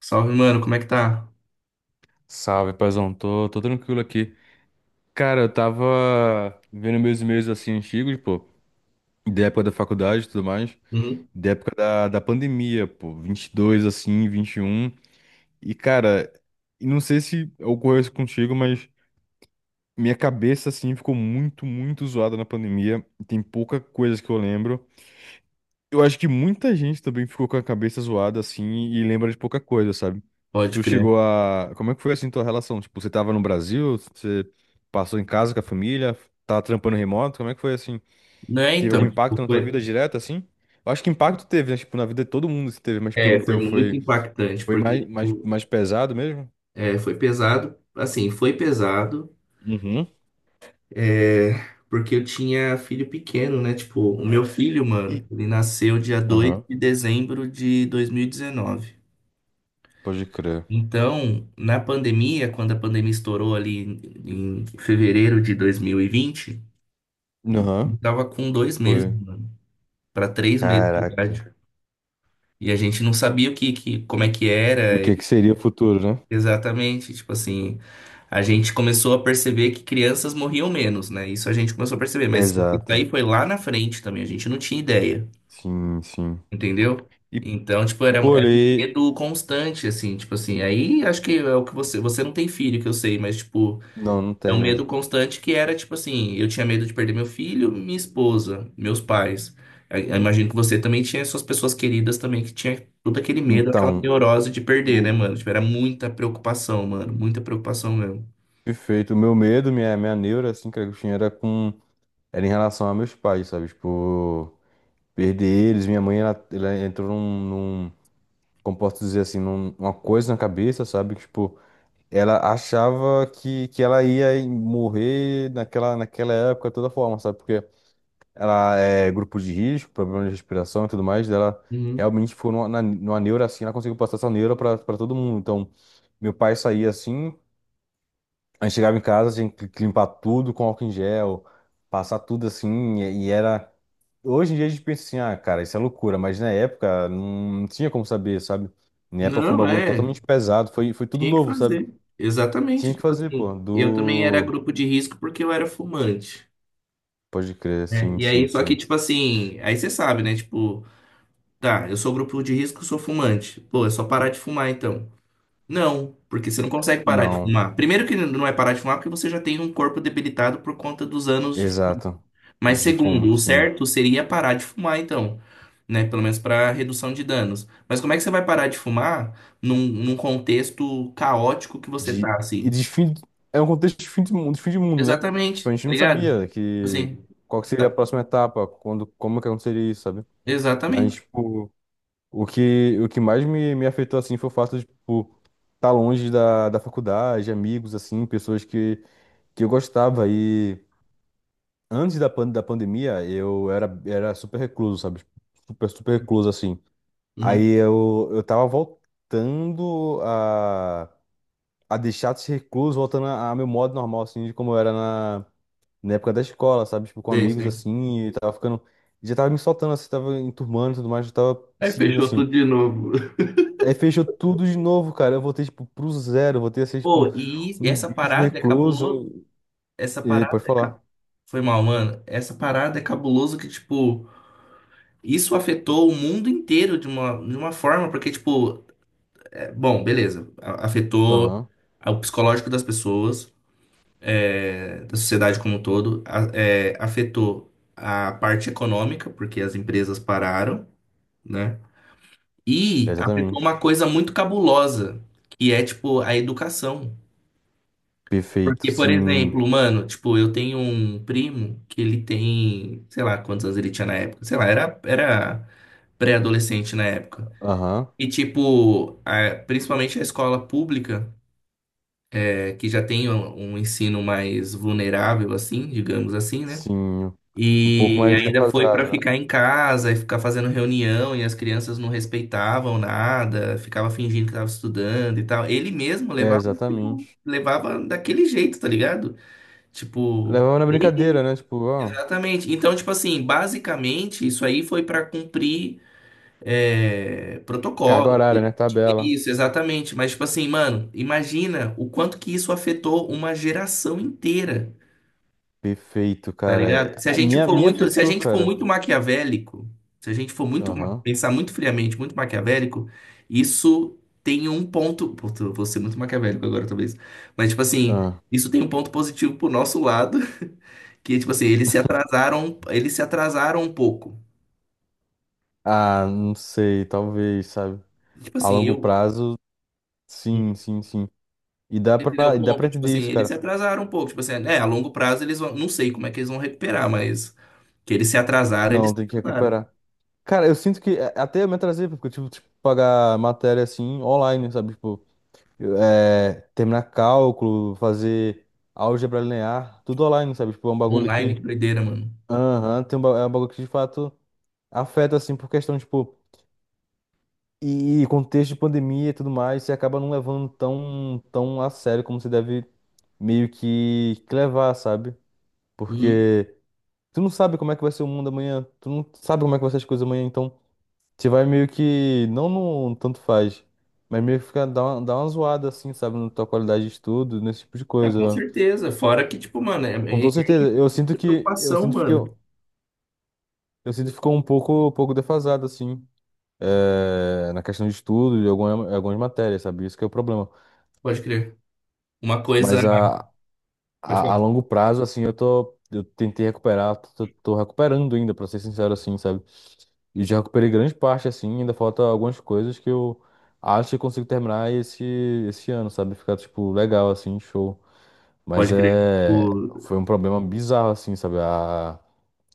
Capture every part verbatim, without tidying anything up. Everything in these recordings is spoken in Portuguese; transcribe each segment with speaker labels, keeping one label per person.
Speaker 1: Salve, mano, como é que tá?
Speaker 2: Salve, paizão. Tô, tô tranquilo aqui. Cara, eu tava vendo meus e-mails assim antigos, pô, da época da faculdade e tudo mais,
Speaker 1: Uhum.
Speaker 2: da época da, da pandemia, pô, vinte e dois, assim, vinte e um. E, um. E, cara, e não sei se ocorreu isso contigo, mas minha cabeça assim ficou muito, muito zoada na pandemia. Tem pouca coisa que eu lembro. Eu acho que muita gente também ficou com a cabeça zoada assim e lembra de pouca coisa, sabe?
Speaker 1: Pode
Speaker 2: Tu
Speaker 1: crer.
Speaker 2: chegou a. Como é que foi assim tua relação? Tipo, você tava no Brasil? Você passou em casa com a família? Tava trampando remoto? Como é que foi assim?
Speaker 1: Não é,
Speaker 2: Teve algum
Speaker 1: então, tipo,
Speaker 2: impacto na tua
Speaker 1: foi,
Speaker 2: vida direto assim? Eu acho que impacto teve, né? Tipo, na vida de todo mundo se teve, mas tipo,
Speaker 1: é,
Speaker 2: no
Speaker 1: Foi
Speaker 2: teu
Speaker 1: muito
Speaker 2: foi,
Speaker 1: impactante,
Speaker 2: foi
Speaker 1: porque,
Speaker 2: mais, mais,
Speaker 1: tipo,
Speaker 2: mais pesado mesmo?
Speaker 1: é, foi pesado, assim, foi pesado,
Speaker 2: Uhum.
Speaker 1: é, porque eu tinha filho pequeno, né? Tipo, o meu filho, mano,
Speaker 2: E...
Speaker 1: ele nasceu dia dois
Speaker 2: Aham,
Speaker 1: de dezembro de dois mil e dezenove.
Speaker 2: pode crer.
Speaker 1: Então, na pandemia, quando a pandemia estourou ali em em fevereiro de dois mil e vinte,
Speaker 2: Aham,
Speaker 1: ele tava com dois meses,
Speaker 2: foi.
Speaker 1: mano, pra três meses de
Speaker 2: Caraca.
Speaker 1: idade. E a gente não sabia o que, que, como é que
Speaker 2: O
Speaker 1: era
Speaker 2: que que seria o futuro, né?
Speaker 1: exatamente. Tipo assim, a gente começou a perceber que crianças morriam menos, né? Isso a gente começou a perceber, mas isso
Speaker 2: Exato.
Speaker 1: aí foi lá na frente também, a gente não tinha ideia,
Speaker 2: Sim, sim.
Speaker 1: entendeu?
Speaker 2: E,
Speaker 1: Então, tipo, era,
Speaker 2: pô,
Speaker 1: era um
Speaker 2: ele-
Speaker 1: medo constante, assim, tipo assim. Aí acho que é o que você. Você não tem filho, que eu sei, mas, tipo.
Speaker 2: não, não
Speaker 1: É um
Speaker 2: tenho.
Speaker 1: medo constante que era tipo assim, eu tinha medo de perder meu filho, minha esposa, meus pais. Eu- eu imagino que você também tinha suas pessoas queridas também que tinha todo aquele medo, aquela
Speaker 2: Então,
Speaker 1: neurose de perder, né,
Speaker 2: o
Speaker 1: mano? Tipo, era muita preocupação, mano, muita preocupação mesmo.
Speaker 2: perfeito, o meu medo, minha, minha neura, assim, cara, que eu tinha era com. Era em relação a meus pais, sabe? Tipo, perder eles. Minha mãe, ela, ela entrou num, num. Como posso dizer assim, num- uma coisa na cabeça, sabe? Que, tipo, ela achava que, que ela ia morrer naquela, naquela época, de toda forma, sabe? Porque ela é grupo de risco, problema de respiração e tudo mais, dela
Speaker 1: Uhum.
Speaker 2: realmente ficou numa, na- numa neura assim, ela conseguiu passar essa neura pra, pra todo mundo. Então. Meu pai saía assim. A gente chegava em casa, tinha que que limpar tudo com álcool em gel, passar tudo assim, e e era. Hoje em dia a gente pensa assim, ah, cara, isso é loucura, mas na época não tinha como saber, sabe? Na época foi um
Speaker 1: Não,
Speaker 2: bagulho
Speaker 1: é,
Speaker 2: totalmente pesado, foi, foi tudo
Speaker 1: tinha que
Speaker 2: novo, sabe?
Speaker 1: fazer.
Speaker 2: Tinha
Speaker 1: Exatamente,
Speaker 2: que
Speaker 1: tipo
Speaker 2: fazer, pô,
Speaker 1: assim, eu também era
Speaker 2: do.
Speaker 1: grupo de risco porque eu era fumante,
Speaker 2: Pode crer,
Speaker 1: né?
Speaker 2: sim,
Speaker 1: E aí,
Speaker 2: sim,
Speaker 1: só que
Speaker 2: sim.
Speaker 1: tipo assim, aí você sabe, né? Tipo, tá, eu sou grupo de risco, sou fumante. Pô, é só parar de fumar então. Não, porque você não consegue parar de
Speaker 2: Não,
Speaker 1: fumar. Primeiro que não é parar de fumar porque você já tem um corpo debilitado por conta dos anos.
Speaker 2: exato.
Speaker 1: Mas
Speaker 2: De
Speaker 1: segundo,
Speaker 2: fumo,
Speaker 1: o
Speaker 2: sim.
Speaker 1: certo seria parar de fumar então, né? Pelo menos para redução de danos. Mas como é que você vai parar de fumar num, num contexto caótico que você tá
Speaker 2: De... E
Speaker 1: assim?
Speaker 2: de fim. É um contexto de fim de mundo, de fim de mundo, né? Tipo,
Speaker 1: Exatamente,
Speaker 2: a gente
Speaker 1: tá
Speaker 2: não
Speaker 1: ligado?
Speaker 2: sabia que.
Speaker 1: Assim,
Speaker 2: Qual que seria a
Speaker 1: tá.
Speaker 2: próxima etapa, quando, como que aconteceria isso, sabe? Mas,
Speaker 1: Exatamente.
Speaker 2: tipo, o que, o que mais me, me afetou, assim, foi o fato de, tipo, estar longe da, da faculdade, amigos, assim, pessoas que, que eu gostava. E antes da, pan, da pandemia, eu era, era super recluso, sabe? Super, super recluso, assim.
Speaker 1: Uhum,
Speaker 2: Aí eu, eu tava voltando a, a deixar de ser recluso, voltando a- ao meu modo normal, assim, de como eu era na, na época da escola, sabe? Tipo, com
Speaker 1: sei,
Speaker 2: amigos,
Speaker 1: sei.
Speaker 2: assim, e tava ficando... Já tava me soltando, assim, tava enturmando e tudo mais, eu tava
Speaker 1: Aí
Speaker 2: seguindo,
Speaker 1: fechou
Speaker 2: assim.
Speaker 1: tudo de novo.
Speaker 2: Aí fechou tudo de novo, cara. Eu voltei, tipo, pro zero. Eu voltei a ser, tipo,
Speaker 1: Pô,
Speaker 2: um,
Speaker 1: e
Speaker 2: um
Speaker 1: essa
Speaker 2: bicho
Speaker 1: parada é cabuloso.
Speaker 2: recluso.
Speaker 1: Essa
Speaker 2: E
Speaker 1: parada
Speaker 2: pode
Speaker 1: é
Speaker 2: falar.
Speaker 1: cabuloso. Foi mal, mano. Essa parada é cabuloso que, tipo, isso afetou o mundo inteiro de uma, de uma forma, porque, tipo, é, bom, beleza, a- afetou
Speaker 2: Aham,
Speaker 1: o psicológico das pessoas, é, da sociedade como um todo, a- é, afetou a parte econômica, porque as empresas pararam, né? E afetou uma
Speaker 2: exatamente.
Speaker 1: coisa muito cabulosa, que é, tipo, a educação.
Speaker 2: Perfeito,
Speaker 1: Porque, por
Speaker 2: sim.
Speaker 1: exemplo, mano, tipo, eu tenho um primo que ele tem, sei lá, quantos anos ele tinha na época, sei lá, era, era pré-adolescente na época.
Speaker 2: Aham,
Speaker 1: E, tipo, a- principalmente a escola pública, é, que já tem um, um ensino mais vulnerável, assim, digamos assim, né?
Speaker 2: sim. Um pouco
Speaker 1: E
Speaker 2: mais
Speaker 1: ainda foi para
Speaker 2: defasado, né?
Speaker 1: ficar em casa e ficar fazendo reunião, e as crianças não respeitavam nada, ficava fingindo que estava estudando e tal. Ele mesmo
Speaker 2: É,
Speaker 1: levava, tipo,
Speaker 2: exatamente.
Speaker 1: levava daquele jeito, tá ligado? Tipo,
Speaker 2: Levava na brincadeira, né? Tipo, ó,
Speaker 1: exatamente. Então, tipo assim, basicamente, isso aí foi para cumprir é,
Speaker 2: carga
Speaker 1: protocolo,
Speaker 2: horária, né?
Speaker 1: é
Speaker 2: Tabela.
Speaker 1: isso, exatamente. Mas, tipo assim, mano, imagina o quanto que isso afetou uma geração inteira,
Speaker 2: Perfeito,
Speaker 1: tá
Speaker 2: cara.
Speaker 1: ligado? Se a
Speaker 2: A
Speaker 1: gente
Speaker 2: minha,
Speaker 1: for
Speaker 2: minha
Speaker 1: muito, se a
Speaker 2: afetou,
Speaker 1: gente for
Speaker 2: cara.
Speaker 1: muito maquiavélico, se a gente for muito, ma-
Speaker 2: Aham.
Speaker 1: pensar muito friamente, muito maquiavélico, isso tem um ponto, puta, eu vou ser muito maquiavélico agora, talvez. Mas, tipo assim,
Speaker 2: Ah.
Speaker 1: isso tem um ponto positivo pro nosso lado, que, tipo assim, eles se atrasaram, eles se atrasaram um pouco.
Speaker 2: Ah, não sei, talvez, sabe?
Speaker 1: Tipo
Speaker 2: A
Speaker 1: assim,
Speaker 2: longo
Speaker 1: eu.
Speaker 2: prazo, sim, sim, sim. E dá
Speaker 1: Entendeu o
Speaker 2: pra, e dá pra
Speaker 1: ponto? Tipo
Speaker 2: entender
Speaker 1: assim,
Speaker 2: isso,
Speaker 1: eles se
Speaker 2: cara.
Speaker 1: atrasaram um pouco. Tipo assim, é, a longo prazo eles vão. Não sei como é que eles vão recuperar, mas que eles se atrasaram, eles
Speaker 2: Não,
Speaker 1: se
Speaker 2: tem que
Speaker 1: atrasaram.
Speaker 2: recuperar. Cara, eu sinto que a- até eu me atrasei, porque eu tive que tipo, pagar matéria assim online, sabe? Tipo, eu, é, terminar cálculo, fazer álgebra linear, tudo online, sabe? Tipo, é um bagulho
Speaker 1: Online,
Speaker 2: que.
Speaker 1: que doideira, mano.
Speaker 2: Aham, tem um, ba- é um bagulho que de fato afeta, assim, por questão, tipo, e, e contexto de pandemia e tudo mais, você acaba não levando tão, tão a sério como você deve meio que que levar, sabe?
Speaker 1: Uhum.
Speaker 2: Porque tu não sabe como é que vai ser o mundo amanhã, tu não sabe como é que vai ser as coisas amanhã, então. Você vai meio que, não no tanto faz, mas meio que fica, dá uma, dá uma zoada assim, sabe, na tua qualidade de estudo, nesse tipo de
Speaker 1: Ah,
Speaker 2: coisa,
Speaker 1: com
Speaker 2: mano.
Speaker 1: certeza. Fora que, tipo, mano, é,
Speaker 2: Com
Speaker 1: é,
Speaker 2: toda certeza, eu sinto
Speaker 1: é
Speaker 2: que, eu
Speaker 1: preocupação,
Speaker 2: sinto que,
Speaker 1: mano.
Speaker 2: eu, eu sinto que ficou um pouco, um pouco defasado, assim, eh, na questão de estudo, de alguma, algumas matérias, sabe, isso que é o problema.
Speaker 1: Pode crer. Uma coisa.
Speaker 2: Mas a,
Speaker 1: Pode
Speaker 2: a, a
Speaker 1: falar.
Speaker 2: longo prazo, assim, eu tô, eu tentei recuperar, tô, tô recuperando ainda, pra ser sincero, assim, sabe. E já recuperei grande parte, assim, ainda falta algumas coisas que eu acho que consigo terminar esse, esse ano, sabe? Ficar, tipo, legal, assim, show. Mas
Speaker 1: Pode crer.
Speaker 2: é...
Speaker 1: O...
Speaker 2: Foi um problema bizarro, assim, sabe? A,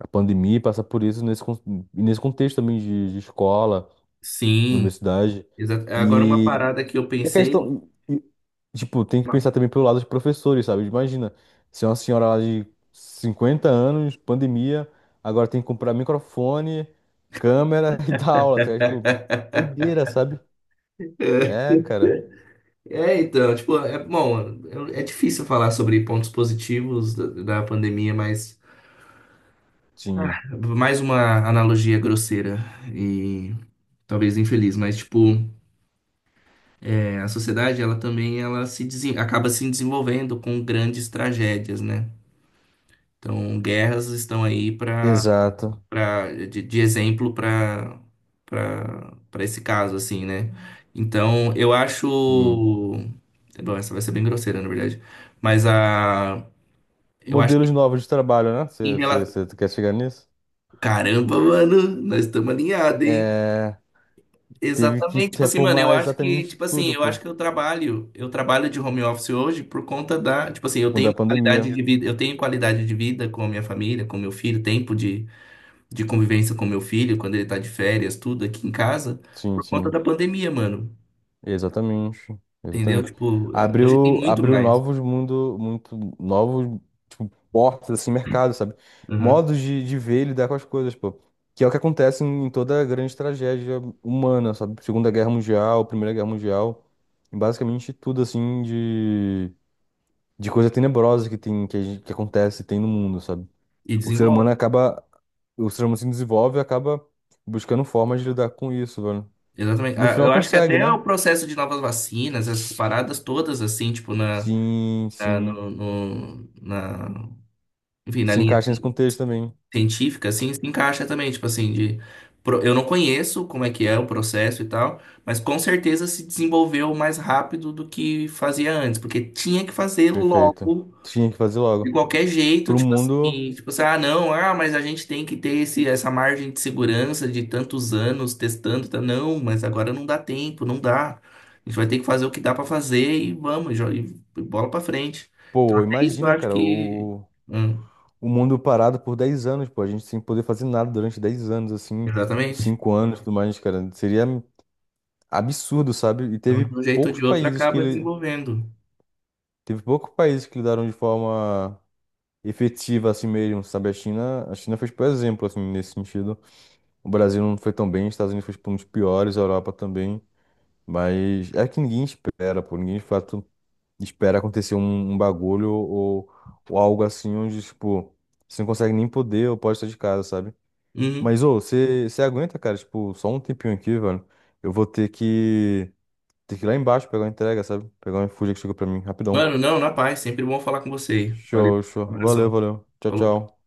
Speaker 2: a pandemia passa por isso nesse, con- nesse contexto também de, de escola na
Speaker 1: Sim.
Speaker 2: universidade.
Speaker 1: Exato. Agora, uma
Speaker 2: E,
Speaker 1: parada que eu
Speaker 2: e a
Speaker 1: pensei.
Speaker 2: questão, e- e, tipo, tem que
Speaker 1: uma-
Speaker 2: pensar também pelo lado dos professores, sabe? Imagina, se é uma senhora lá de cinquenta anos, pandemia, agora tem que comprar microfone, câmera e dar aula, tá ligado? Tipo, doideira, sabe?
Speaker 1: É,
Speaker 2: É, cara.
Speaker 1: é, então, tipo, é bom, é é difícil falar sobre pontos positivos da, da pandemia, mas.
Speaker 2: Sim,
Speaker 1: Mais uma analogia grosseira e talvez infeliz, mas tipo, é, a sociedade ela também ela se desen- acaba se desenvolvendo com grandes tragédias, né? Então, guerras estão aí para
Speaker 2: exato.
Speaker 1: para de, de exemplo para para para esse caso assim, né? Então, eu acho,
Speaker 2: Sim.
Speaker 1: bom, essa vai ser bem grosseira, na verdade, mas a eu acho que
Speaker 2: Modelos novos de trabalho, né?
Speaker 1: em relação.
Speaker 2: Você quer chegar nisso?
Speaker 1: Caramba, mano, nós estamos alinhados, hein?
Speaker 2: É, teve que
Speaker 1: Exatamente, tipo assim, mano, eu
Speaker 2: reformular
Speaker 1: acho que,
Speaker 2: exatamente
Speaker 1: tipo assim,
Speaker 2: tudo,
Speaker 1: eu acho
Speaker 2: pô,
Speaker 1: que eu trabalho, eu trabalho de home office hoje por conta da, tipo assim, eu
Speaker 2: por
Speaker 1: tenho
Speaker 2: da
Speaker 1: qualidade
Speaker 2: pandemia.
Speaker 1: de vida, eu tenho qualidade de vida com a minha família, com meu filho, tempo de, de convivência com meu filho, quando ele tá de férias, tudo aqui em casa,
Speaker 2: Sim,
Speaker 1: por conta
Speaker 2: sim.
Speaker 1: da pandemia, mano.
Speaker 2: Exatamente,
Speaker 1: Entendeu?
Speaker 2: exatamente.
Speaker 1: Tipo, eh, hoje tem
Speaker 2: Abriu,
Speaker 1: muito
Speaker 2: abriu
Speaker 1: mais.
Speaker 2: novos mundo, muito novos, tipo, portas, assim, mercado, sabe?
Speaker 1: Uhum.
Speaker 2: Modos de, de ver e lidar com as coisas, pô. Que é o que acontece em, em toda grande tragédia humana, sabe? Segunda Guerra Mundial, Primeira Guerra Mundial, e basicamente tudo, assim, de, de coisa tenebrosa que tem, que, a gente- que acontece, tem no mundo, sabe?
Speaker 1: E
Speaker 2: O ser humano
Speaker 1: desenvolve.
Speaker 2: acaba, o ser humano se desenvolve e acaba buscando formas de lidar com isso, velho.
Speaker 1: Exatamente.
Speaker 2: No
Speaker 1: Ah,
Speaker 2: final
Speaker 1: eu acho que
Speaker 2: consegue,
Speaker 1: até o
Speaker 2: né?
Speaker 1: processo de novas vacinas, essas paradas todas, assim, tipo, na,
Speaker 2: Sim,
Speaker 1: na,
Speaker 2: sim.
Speaker 1: no, no- na, enfim, na
Speaker 2: Se
Speaker 1: linha,
Speaker 2: encaixa nesse
Speaker 1: assim,
Speaker 2: contexto também.
Speaker 1: científica, assim, se encaixa também, tipo assim, de pro- eu não conheço como é que é o processo e tal, mas com certeza se desenvolveu mais rápido do que fazia antes, porque tinha que fazer
Speaker 2: Perfeito.
Speaker 1: logo
Speaker 2: Tinha que fazer
Speaker 1: de
Speaker 2: logo.
Speaker 1: qualquer jeito,
Speaker 2: Pro
Speaker 1: tipo
Speaker 2: mundo,
Speaker 1: assim, tipo assim, ah, não, ah, mas a gente tem que ter esse, essa margem de segurança de tantos anos testando, tá? Não, mas agora não dá tempo, não dá. A gente vai ter que fazer o que dá pra fazer e vamos, jo- e bola pra frente. Então,
Speaker 2: pô,
Speaker 1: é isso, eu
Speaker 2: imagina,
Speaker 1: acho
Speaker 2: cara,
Speaker 1: que.
Speaker 2: o,
Speaker 1: Hum,
Speaker 2: o mundo parado por dez anos, pô, a gente sem poder fazer nada durante dez anos, assim,
Speaker 1: exatamente.
Speaker 2: cinco anos e tudo mais, cara. Seria absurdo, sabe? E
Speaker 1: Então, de um
Speaker 2: teve
Speaker 1: jeito ou
Speaker 2: poucos
Speaker 1: de outro,
Speaker 2: países que
Speaker 1: acaba
Speaker 2: ele,
Speaker 1: desenvolvendo.
Speaker 2: teve poucos países que lidaram de forma efetiva assim mesmo, sabe? A China, a China fez por exemplo, assim, nesse sentido. O Brasil não foi tão bem, os Estados Unidos foi tipo, um dos piores, a Europa também. Mas é que ninguém espera, pô. Ninguém fala. Espera acontecer um, um bagulho ou, ou algo assim onde, tipo, você não consegue nem poder ou pode estar de casa, sabe?
Speaker 1: Uhum.
Speaker 2: Mas, ô, você você aguenta, cara, tipo, só um tempinho aqui, velho. Eu vou ter que, ter que ir lá embaixo pegar uma entrega, sabe? Pegar um iFood que chegou pra mim, rapidão.
Speaker 1: Mano, não, na paz. Sempre bom falar com você. Valeu.
Speaker 2: Show, show.
Speaker 1: Um
Speaker 2: Valeu,
Speaker 1: abração.
Speaker 2: valeu. Tchau,
Speaker 1: Falou.
Speaker 2: tchau.